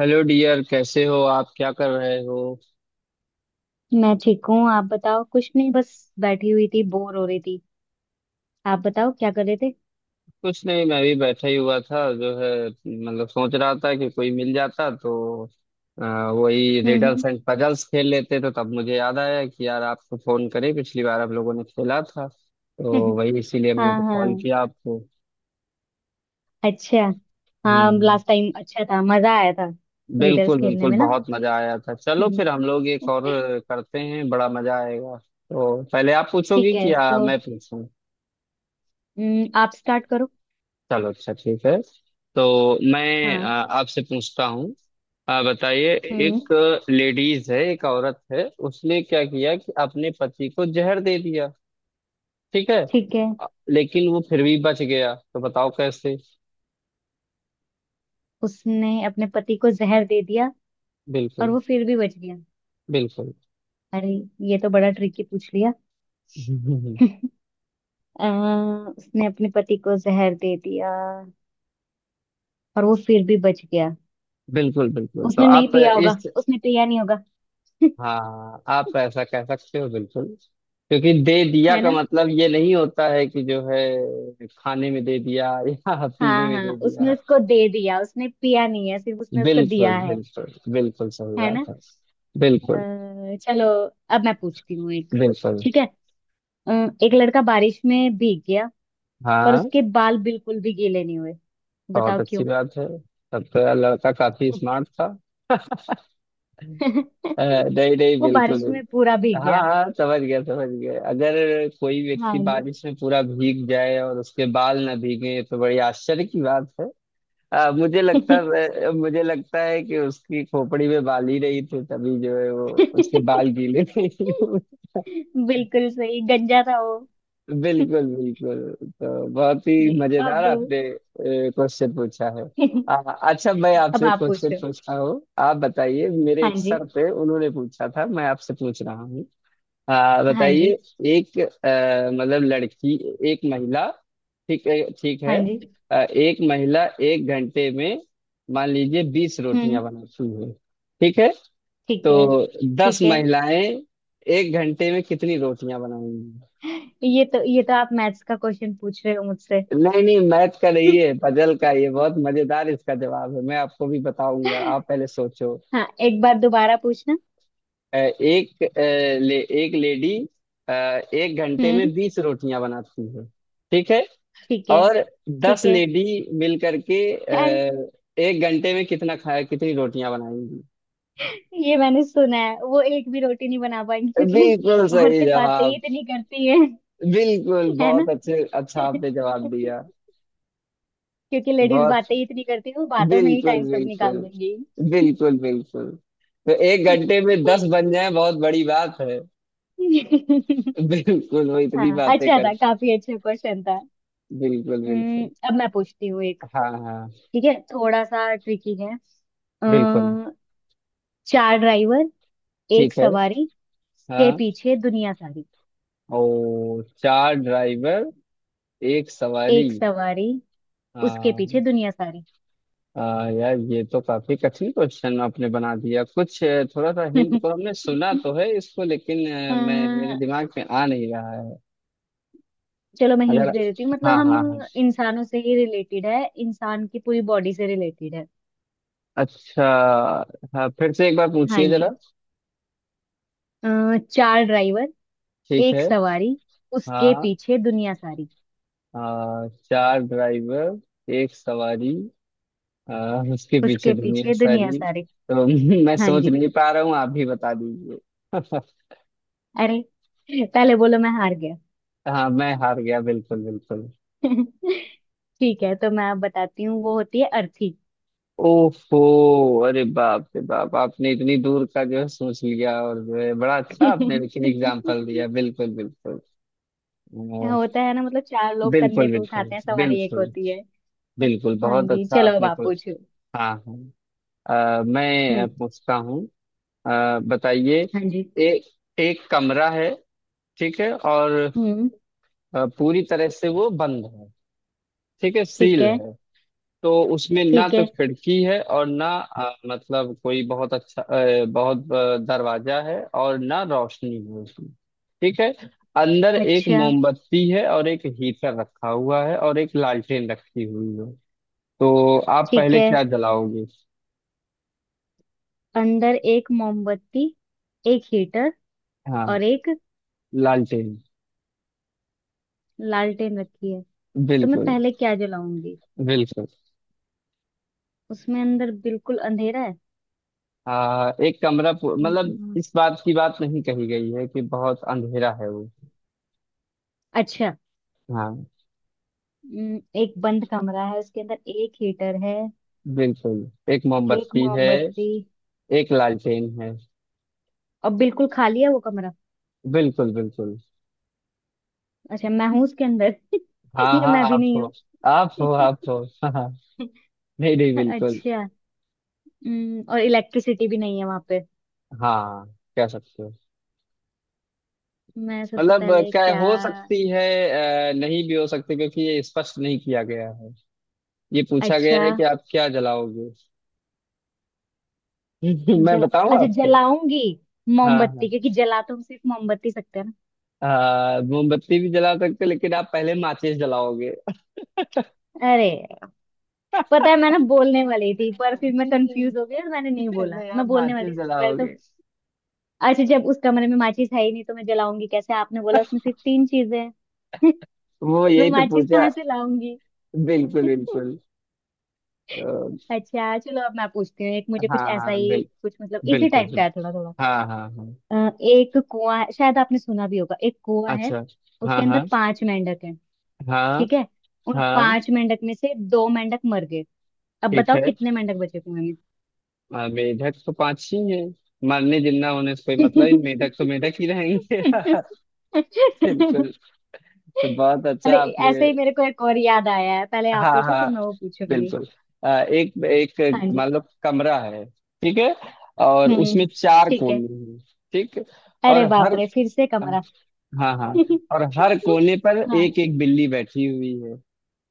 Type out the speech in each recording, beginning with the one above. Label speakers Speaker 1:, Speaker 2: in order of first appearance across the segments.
Speaker 1: Hello dear, कैसे हो आप? क्या कर रहे हो?
Speaker 2: मैं ठीक हूँ। आप बताओ। कुछ नहीं बस बैठी हुई थी बोर हो रही थी। आप बताओ क्या कर रहे थे।
Speaker 1: कुछ नहीं, मैं भी बैठा ही हुआ था, जो है मतलब सोच रहा था कि कोई मिल जाता तो वही रिडल्स
Speaker 2: हम्म।
Speaker 1: एंड पजल्स खेल लेते। तो तब मुझे याद आया कि यार आपको फोन करे, पिछली बार आप लोगों ने खेला था तो
Speaker 2: हम्म।
Speaker 1: वही इसीलिए हमने
Speaker 2: हाँ
Speaker 1: कॉल
Speaker 2: हाँ।
Speaker 1: किया आपको।
Speaker 2: अच्छा। हाँ
Speaker 1: हम्म।
Speaker 2: लास्ट टाइम अच्छा था मजा आया था। रीडर्स
Speaker 1: बिल्कुल
Speaker 2: खेलने
Speaker 1: बिल्कुल,
Speaker 2: में ना।
Speaker 1: बहुत मजा आया था। चलो फिर हम लोग एक और करते हैं, बड़ा मजा आएगा। तो पहले आप
Speaker 2: ठीक
Speaker 1: पूछोगी कि
Speaker 2: है
Speaker 1: या
Speaker 2: तो।
Speaker 1: मैं पूछूं?
Speaker 2: आप स्टार्ट करो।
Speaker 1: चलो, अच्छा ठीक है। तो मैं
Speaker 2: हाँ।
Speaker 1: आपसे पूछता हूँ। बताइए।
Speaker 2: हम्म।
Speaker 1: एक लेडीज है, एक औरत है, उसने क्या किया कि अपने पति को जहर दे दिया, ठीक है।
Speaker 2: ठीक है।
Speaker 1: लेकिन वो फिर भी बच गया, तो बताओ कैसे?
Speaker 2: उसने अपने पति को जहर दे दिया और
Speaker 1: बिल्कुल
Speaker 2: वो फिर भी बच गया।
Speaker 1: बिल्कुल।
Speaker 2: अरे ये तो बड़ा ट्रिकी पूछ लिया। अ, उसने अपने पति को जहर दे दिया और वो फिर भी बच गया।
Speaker 1: बिल्कुल बिल्कुल, तो
Speaker 2: उसने नहीं
Speaker 1: आप
Speaker 2: पिया होगा।
Speaker 1: इस।
Speaker 2: उसने पिया नहीं होगा।
Speaker 1: हाँ, आप ऐसा कह सकते हो, बिल्कुल। क्योंकि दे दिया
Speaker 2: है
Speaker 1: का
Speaker 2: ना।
Speaker 1: मतलब ये नहीं होता है कि जो है खाने में दे दिया या पीने
Speaker 2: हाँ
Speaker 1: में
Speaker 2: हाँ
Speaker 1: दे
Speaker 2: उसने
Speaker 1: दिया।
Speaker 2: उसको दे दिया उसने पिया नहीं है सिर्फ उसने उसको
Speaker 1: बिल्कुल
Speaker 2: दिया है।
Speaker 1: बिल्कुल। बिल्कुल सही
Speaker 2: है ना।
Speaker 1: बात है। बिल्कुल
Speaker 2: चलो अब मैं पूछती हूँ एक।
Speaker 1: बिल्कुल।
Speaker 2: ठीक है। अ, एक लड़का बारिश में भीग गया पर
Speaker 1: हाँ,
Speaker 2: उसके बाल बिल्कुल भी गीले नहीं हुए।
Speaker 1: बहुत
Speaker 2: बताओ
Speaker 1: अच्छी
Speaker 2: क्यों।
Speaker 1: बात है। तब तो यार लड़का काफी स्मार्ट था। नहीं नहीं,
Speaker 2: वो
Speaker 1: बिल्कुल
Speaker 2: बारिश
Speaker 1: बिल्कुल।
Speaker 2: में पूरा भीग
Speaker 1: हाँ
Speaker 2: गया।
Speaker 1: हाँ, समझ गया समझ गया। अगर कोई
Speaker 2: हाँ
Speaker 1: व्यक्ति
Speaker 2: जी।
Speaker 1: बारिश में पूरा भीग जाए और उसके बाल ना भीगे तो बड़ी आश्चर्य की बात है। मुझे लगता है कि उसकी खोपड़ी में बाल ही नहीं थे, तभी जो है वो उसके बाल गीले थे।
Speaker 2: बिल्कुल सही गंजा था वो।
Speaker 1: बिल्कुल बिल्कुल, तो बहुत ही
Speaker 2: जी।
Speaker 1: मजेदार
Speaker 2: अब।
Speaker 1: आपने क्वेश्चन पूछा है। अच्छा, मैं
Speaker 2: अब
Speaker 1: आपसे
Speaker 2: आप
Speaker 1: क्वेश्चन
Speaker 2: पूछो।
Speaker 1: पूछता हूँ, आप बताइए। मेरे
Speaker 2: हाँ
Speaker 1: एक
Speaker 2: जी।
Speaker 1: सर थे, उन्होंने पूछा था, मैं आपसे पूछ रहा हूँ।
Speaker 2: हाँ जी।
Speaker 1: बताइए। एक मतलब लड़की, एक महिला, ठीक है ठीक
Speaker 2: हाँ
Speaker 1: है।
Speaker 2: जी।
Speaker 1: एक महिला एक घंटे में मान लीजिए बीस
Speaker 2: हम्म।
Speaker 1: रोटियां बनाती है, ठीक है।
Speaker 2: ठीक
Speaker 1: तो
Speaker 2: है
Speaker 1: दस
Speaker 2: ठीक है।
Speaker 1: महिलाएं एक घंटे में कितनी रोटियां बनाएंगी?
Speaker 2: ये तो आप मैथ्स का क्वेश्चन पूछ रहे हो मुझसे।
Speaker 1: नहीं नहीं, मैथ का नहीं है, पजल का ये। बहुत मजेदार इसका जवाब है, मैं आपको भी बताऊंगा, आप पहले सोचो।
Speaker 2: हाँ एक बार दोबारा पूछना।
Speaker 1: अ, एक अ, एक लेडी अ, एक घंटे में
Speaker 2: हम्म।
Speaker 1: 20 रोटियां बनाती है, ठीक है।
Speaker 2: ठीक है।
Speaker 1: और दस
Speaker 2: ठीक है।
Speaker 1: लेडी मिलकर के
Speaker 2: अरे
Speaker 1: एक घंटे में कितना खाया कितनी रोटियां बनाएंगी?
Speaker 2: ये मैंने सुना है वो एक भी रोटी नहीं बना पाएंगी
Speaker 1: बिल्कुल
Speaker 2: क्योंकि
Speaker 1: सही
Speaker 2: औरतें बातें ही
Speaker 1: जवाब।
Speaker 2: इतनी करती है।
Speaker 1: बिल्कुल,
Speaker 2: है ना।
Speaker 1: बहुत अच्छे, अच्छा आपने जवाब दिया।
Speaker 2: क्योंकि लेडीज
Speaker 1: बहुत।
Speaker 2: बातें ही इतनी करती है वो बातों में ही
Speaker 1: बिल्कुल
Speaker 2: टाइम सब
Speaker 1: बिल्कुल।
Speaker 2: निकाल देंगी।
Speaker 1: बिल्कुल बिल्कुल। तो एक घंटे में 10 बन जाए बहुत बड़ी बात है। बिल्कुल, वो इतनी
Speaker 2: हाँ
Speaker 1: बातें
Speaker 2: अच्छा था
Speaker 1: करते।
Speaker 2: काफी अच्छा क्वेश्चन था।
Speaker 1: बिल्कुल बिल्कुल।
Speaker 2: अब मैं पूछती हूँ।
Speaker 1: हाँ हाँ,
Speaker 2: ठीक है थोड़ा सा ट्रिकी है। अ,
Speaker 1: बिल्कुल।
Speaker 2: चार ड्राइवर एक
Speaker 1: ठीक है,
Speaker 2: सवारी के
Speaker 1: हाँ।
Speaker 2: पीछे दुनिया सारी।
Speaker 1: ओ, चार ड्राइवर एक सवारी,
Speaker 2: एक सवारी उसके पीछे
Speaker 1: हाँ।
Speaker 2: दुनिया सारी।
Speaker 1: हाँ, यार ये तो काफी कठिन क्वेश्चन आपने बना दिया, कुछ थोड़ा सा हिंट तो हमने सुना तो है इसको, लेकिन
Speaker 2: अ,
Speaker 1: मैं मेरे दिमाग में आ नहीं रहा है।
Speaker 2: चलो मैं
Speaker 1: अगर।
Speaker 2: हिंट दे देती हूँ
Speaker 1: हाँ
Speaker 2: मतलब हम
Speaker 1: हाँ हाँ।
Speaker 2: इंसानों से ही रिलेटेड है इंसान की पूरी बॉडी से रिलेटेड है।
Speaker 1: अच्छा। हाँ, फिर से एक बार
Speaker 2: हाँ
Speaker 1: पूछिए जरा।
Speaker 2: जी। चार ड्राइवर
Speaker 1: ठीक
Speaker 2: एक
Speaker 1: है।
Speaker 2: सवारी उसके
Speaker 1: हाँ।
Speaker 2: पीछे दुनिया सारी।
Speaker 1: चार ड्राइवर एक सवारी, उसके पीछे
Speaker 2: उसके
Speaker 1: दुनिया
Speaker 2: पीछे दुनिया
Speaker 1: सारी।
Speaker 2: सारी।
Speaker 1: तो मैं
Speaker 2: हाँ
Speaker 1: सोच
Speaker 2: जी।
Speaker 1: नहीं पा रहा हूँ, आप भी बता दीजिए।
Speaker 2: अरे पहले बोलो मैं हार गया।
Speaker 1: हाँ, मैं हार गया, बिल्कुल बिल्कुल।
Speaker 2: ठीक है तो मैं आप बताती हूँ वो होती है अर्थी।
Speaker 1: ओफो। अरे बाप रे बाप, आपने इतनी दूर का जो है सोच लिया, और जो है बड़ा अच्छा आपने लेकिन एग्जाम्पल दिया, बिल्कुल बिल्कुल। अ,
Speaker 2: होता है ना मतलब चार लोग कंधे
Speaker 1: बिल्कुल
Speaker 2: पे
Speaker 1: बिल्कुल।
Speaker 2: उठाते हैं सवारी एक
Speaker 1: बिल्कुल
Speaker 2: होती है।
Speaker 1: बिल्कुल।
Speaker 2: हाँ
Speaker 1: बहुत
Speaker 2: जी
Speaker 1: अच्छा
Speaker 2: चलो अब
Speaker 1: आपने
Speaker 2: आप
Speaker 1: को।
Speaker 2: पूछो।
Speaker 1: हाँ हाँ। मैं
Speaker 2: हम्म।
Speaker 1: पूछता हूँ। अ, बताइए।
Speaker 2: हाँ जी।
Speaker 1: एक एक कमरा है, ठीक है। और
Speaker 2: हम्म।
Speaker 1: पूरी तरह से वो बंद है, ठीक है,
Speaker 2: ठीक
Speaker 1: सील
Speaker 2: है।
Speaker 1: है। तो उसमें ना
Speaker 2: ठीक
Speaker 1: तो
Speaker 2: है।
Speaker 1: खिड़की है, और ना मतलब कोई बहुत अच्छा अ, बहुत अ, दरवाजा है, और ना रोशनी है उसमें। ठीक है। अंदर एक
Speaker 2: अच्छा।
Speaker 1: मोमबत्ती है, और एक हीटर रखा हुआ है, और एक लालटेन रखी हुई है। तो आप
Speaker 2: ठीक
Speaker 1: पहले
Speaker 2: है।
Speaker 1: क्या जलाओगे?
Speaker 2: अंदर एक मोमबत्ती एक हीटर
Speaker 1: हाँ,
Speaker 2: और एक
Speaker 1: लालटेन।
Speaker 2: लालटेन रखी है। तो मैं
Speaker 1: बिल्कुल
Speaker 2: पहले क्या जलाऊंगी।
Speaker 1: बिल्कुल।
Speaker 2: उसमें अंदर बिल्कुल अंधेरा है।
Speaker 1: हाँ, मतलब
Speaker 2: हम्म,
Speaker 1: इस बात की बात नहीं कही गई है कि बहुत अंधेरा है वो।
Speaker 2: अच्छा।
Speaker 1: हाँ।
Speaker 2: एक बंद कमरा है उसके अंदर एक हीटर है
Speaker 1: बिल्कुल। एक
Speaker 2: एक
Speaker 1: मोमबत्ती है।
Speaker 2: मोमबत्ती
Speaker 1: एक लालटेन है।
Speaker 2: और बिल्कुल खाली है वो कमरा।
Speaker 1: बिल्कुल बिल्कुल।
Speaker 2: अच्छा मैं हूँ उसके अंदर
Speaker 1: हाँ
Speaker 2: या
Speaker 1: हाँ,
Speaker 2: मैं भी
Speaker 1: आप
Speaker 2: नहीं
Speaker 1: हो
Speaker 2: हूँ।
Speaker 1: आप हो आप हो, हाँ। नहीं नहीं, बिल्कुल।
Speaker 2: अच्छा। और इलेक्ट्रिसिटी भी नहीं है वहां पे।
Speaker 1: हाँ। कह सकते हो।
Speaker 2: मैं सबसे
Speaker 1: मतलब
Speaker 2: पहले
Speaker 1: क्या
Speaker 2: क्या।
Speaker 1: हो सकती है, नहीं भी हो सकती, क्योंकि ये स्पष्ट नहीं किया गया है। ये पूछा
Speaker 2: अच्छा
Speaker 1: गया है कि आप क्या जलाओगे। मैं
Speaker 2: जला
Speaker 1: बताऊं
Speaker 2: अच्छा
Speaker 1: आपको?
Speaker 2: जलाऊंगी
Speaker 1: हाँ
Speaker 2: मोमबत्ती
Speaker 1: हाँ।
Speaker 2: क्योंकि जला तो हम सिर्फ मोमबत्ती सकते हैं ना।
Speaker 1: हाँ, मोमबत्ती भी जला सकते हो, लेकिन आप पहले माचिस जलाओगे।
Speaker 2: अरे पता है मैं ना बोलने वाली थी पर फिर मैं कंफ्यूज हो गई और मैंने नहीं बोला
Speaker 1: पहले आप
Speaker 2: मैं बोलने
Speaker 1: माचिस
Speaker 2: वाली थी सबसे पहले तो।
Speaker 1: जलाओगे।
Speaker 2: अच्छा जब उस कमरे में माचिस है ही नहीं तो मैं जलाऊंगी कैसे आपने बोला उसमें सिर्फ तीन चीजें हैं।
Speaker 1: वो
Speaker 2: मैं
Speaker 1: यही तो
Speaker 2: माचिस
Speaker 1: पूछा।
Speaker 2: कहाँ से लाऊंगी।
Speaker 1: बिल्कुल बिल्कुल। तो।
Speaker 2: अच्छा चलो अब मैं पूछती हूँ एक मुझे कुछ
Speaker 1: हाँ
Speaker 2: ऐसा
Speaker 1: हाँ,
Speaker 2: ही कुछ मतलब इसी
Speaker 1: बिल्कुल
Speaker 2: टाइप का
Speaker 1: बिल्कुल।
Speaker 2: है थोड़ा थोड़ा।
Speaker 1: हाँ हाँ हाँ।
Speaker 2: अ, एक कुआं है शायद आपने सुना भी होगा एक कुआं है।
Speaker 1: अच्छा। हाँ
Speaker 2: उसके अंदर
Speaker 1: हाँ
Speaker 2: पांच मेंढक हैं।
Speaker 1: हाँ
Speaker 2: ठीक है। उन
Speaker 1: हाँ।
Speaker 2: पांच मेंढक में से दो मेंढक मर गए। अब
Speaker 1: ठीक
Speaker 2: बताओ
Speaker 1: है।
Speaker 2: कितने मेंढक बचे कुएं में।
Speaker 1: मेढक तो पांच ही है। मरने जिंदा होने से कोई मतलब ही नहीं, मेढक तो मेढक ही रहेंगे। बिल्कुल। तो बहुत अच्छा
Speaker 2: अरे
Speaker 1: आपने।
Speaker 2: ऐसे ही मेरे को एक और याद आया है पहले आप
Speaker 1: हाँ
Speaker 2: पूछो
Speaker 1: हाँ।
Speaker 2: फिर मैं वो पूछूंगी।
Speaker 1: बिल्कुल। एक
Speaker 2: हाँ
Speaker 1: एक
Speaker 2: जी।
Speaker 1: मान लो कमरा है। ठीक है। और
Speaker 2: हम्म।
Speaker 1: उसमें चार
Speaker 2: ठीक है।
Speaker 1: कोने हैं। ठीक। और
Speaker 2: अरे बाप
Speaker 1: हर
Speaker 2: रे फिर से कमरा।
Speaker 1: हाँ हाँ। और हर कोने पर
Speaker 2: हाँ।
Speaker 1: एक एक बिल्ली बैठी हुई है।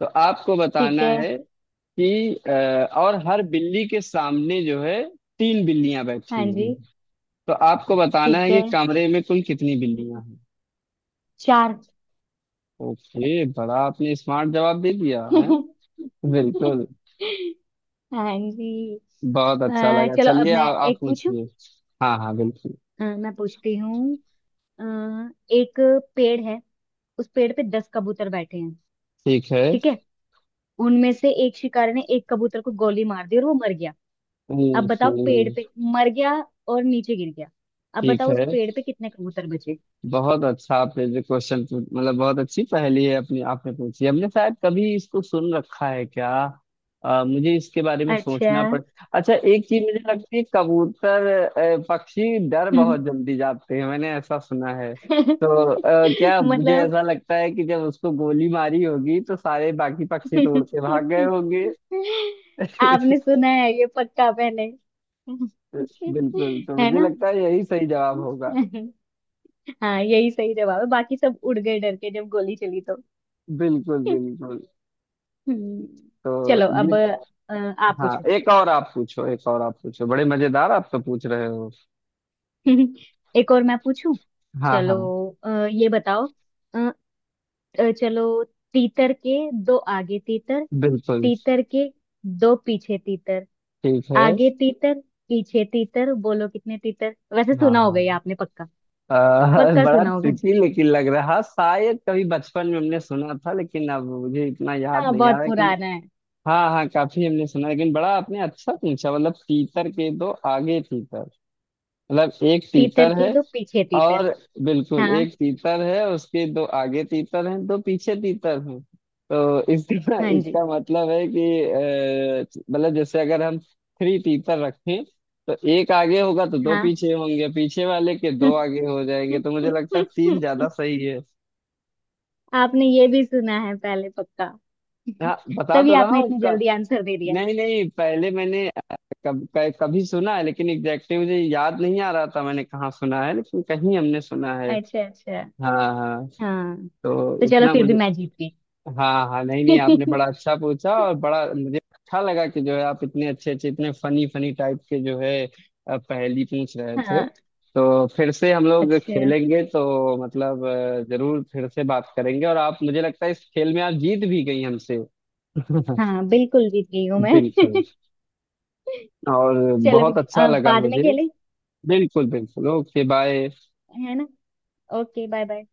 Speaker 1: तो आपको बताना
Speaker 2: ठीक है।
Speaker 1: है कि और हर बिल्ली के सामने जो है तीन बिल्लियां बैठी
Speaker 2: हाँ
Speaker 1: हुई
Speaker 2: जी।
Speaker 1: हैं। तो आपको बताना
Speaker 2: ठीक
Speaker 1: है
Speaker 2: है।
Speaker 1: कि कमरे में कुल कितनी बिल्लियां हैं?
Speaker 2: चार।
Speaker 1: ओके, बड़ा आपने स्मार्ट जवाब दे दिया है। बिल्कुल।
Speaker 2: हाँ जी।
Speaker 1: बहुत अच्छा लगा।
Speaker 2: चलो अब
Speaker 1: चलिए,
Speaker 2: मैं
Speaker 1: आप
Speaker 2: एक पूछूं।
Speaker 1: पूछिए। हाँ हाँ, बिल्कुल।
Speaker 2: मैं पूछती हूँ। अ, एक पेड़ है। उस पेड़ पे 10 कबूतर बैठे हैं।
Speaker 1: ठीक है।
Speaker 2: ठीक है। उनमें से एक शिकारी ने एक कबूतर को गोली मार दी और वो मर गया। अब बताओ पेड़
Speaker 1: हम्म।
Speaker 2: पे मर गया और नीचे गिर गया। अब
Speaker 1: ठीक
Speaker 2: बताओ उस
Speaker 1: है।
Speaker 2: पेड़ पे कितने कबूतर बचे।
Speaker 1: बहुत अच्छा आपने जो क्वेश्चन, मतलब बहुत अच्छी पहेली है अपनी आपने पूछी। हमने शायद कभी इसको सुन रखा है क्या? मुझे इसके बारे में
Speaker 2: अच्छा।
Speaker 1: सोचना पड़। अच्छा, एक चीज मुझे लगती है, पक्षी डर बहुत जल्दी जाते हैं, मैंने ऐसा सुना है। तो। अ, क्या मुझे
Speaker 2: मतलब।
Speaker 1: ऐसा लगता है कि जब उसको गोली मारी होगी तो सारे बाकी पक्षी तो उड़ के भाग गए होंगे।
Speaker 2: आपने सुना है ये पक्का पहले।
Speaker 1: बिल्कुल, तो
Speaker 2: है
Speaker 1: मुझे
Speaker 2: ना।
Speaker 1: लगता है यही सही जवाब होगा।
Speaker 2: हाँ यही सही जवाब है बाकी सब उड़ गए डर के जब गोली चली तो।
Speaker 1: बिल्कुल बिल्कुल।
Speaker 2: हम्म,
Speaker 1: तो
Speaker 2: चलो अब
Speaker 1: ये।
Speaker 2: आप
Speaker 1: हाँ,
Speaker 2: पूछो।
Speaker 1: एक और आप पूछो, एक और आप पूछो, बड़े मजेदार आप तो पूछ रहे हो।
Speaker 2: एक और मैं पूछूं।
Speaker 1: हाँ
Speaker 2: चलो।
Speaker 1: हाँ,
Speaker 2: ये बताओ। चलो तीतर के दो आगे तीतर।
Speaker 1: बिल्कुल।
Speaker 2: तीतर के दो पीछे तीतर।
Speaker 1: ठीक है।
Speaker 2: आगे तीतर पीछे तीतर बोलो कितने तीतर वैसे सुना होगा ये
Speaker 1: हाँ।
Speaker 2: आपने पक्का।
Speaker 1: अ,
Speaker 2: पक्का
Speaker 1: बड़ा
Speaker 2: सुना होगा।
Speaker 1: ट्रिकी लेकिन लग रहा है। हाँ, शायद कभी बचपन में हमने सुना था लेकिन अब मुझे इतना याद
Speaker 2: हाँ
Speaker 1: नहीं आ
Speaker 2: बहुत
Speaker 1: रहा, लेकिन।
Speaker 2: पुराना है।
Speaker 1: हाँ हाँ, काफी हमने सुना लेकिन बड़ा आपने अच्छा पूछा। मतलब तीतर के दो आगे तीतर। मतलब एक
Speaker 2: तीतर
Speaker 1: तीतर
Speaker 2: के
Speaker 1: है,
Speaker 2: दो पीछे तीतर।
Speaker 1: और। बिल्कुल,
Speaker 2: हाँ।
Speaker 1: एक तीतर है उसके दो आगे तीतर हैं, दो पीछे तीतर हैं। तो इसका
Speaker 2: हाँ जी।
Speaker 1: इसका मतलब है कि। मतलब जैसे अगर हम थ्री तीतर रखें। तो एक आगे होगा तो दो
Speaker 2: हाँ।
Speaker 1: पीछे होंगे, पीछे वाले के दो आगे हो जाएंगे, तो मुझे लगता है तीन ज्यादा सही है।
Speaker 2: आपने ये भी सुना है पहले पक्का।
Speaker 1: हाँ, बता
Speaker 2: तभी
Speaker 1: तो रहा
Speaker 2: आपने
Speaker 1: हूँ
Speaker 2: इतनी
Speaker 1: कब।
Speaker 2: जल्दी आंसर दे दिया।
Speaker 1: नहीं नहीं, पहले मैंने कभी सुना है लेकिन एग्जैक्टली मुझे याद नहीं आ रहा था मैंने कहाँ सुना है, लेकिन कहीं हमने सुना है।
Speaker 2: अच्छा अच्छा।
Speaker 1: हाँ हाँ।
Speaker 2: हाँ।
Speaker 1: तो।
Speaker 2: तो चलो
Speaker 1: उतना
Speaker 2: फिर भी
Speaker 1: मुझे।
Speaker 2: मैं जीत
Speaker 1: हाँ हाँ, नहीं नहीं, आपने
Speaker 2: गई।
Speaker 1: बड़ा अच्छा पूछा और बड़ा मुझे अच्छा लगा कि जो है आप इतने अच्छे अच्छे, इतने फनी फनी टाइप के जो है। पहेली पूछ रहे थे।
Speaker 2: हाँ।
Speaker 1: तो फिर से हम लोग
Speaker 2: अच्छा।
Speaker 1: खेलेंगे, तो मतलब जरूर फिर से बात करेंगे, और आप, मुझे लगता है, इस खेल में आप जीत भी गई हमसे।
Speaker 2: हाँ बिल्कुल जीत गई हूँ मैं।
Speaker 1: बिल्कुल। और
Speaker 2: चलो भी
Speaker 1: बहुत अच्छा लगा
Speaker 2: बाद में
Speaker 1: मुझे।
Speaker 2: खेले।
Speaker 1: बिल्कुल बिल्कुल। Okay bye.
Speaker 2: है ना। Okay bye bye.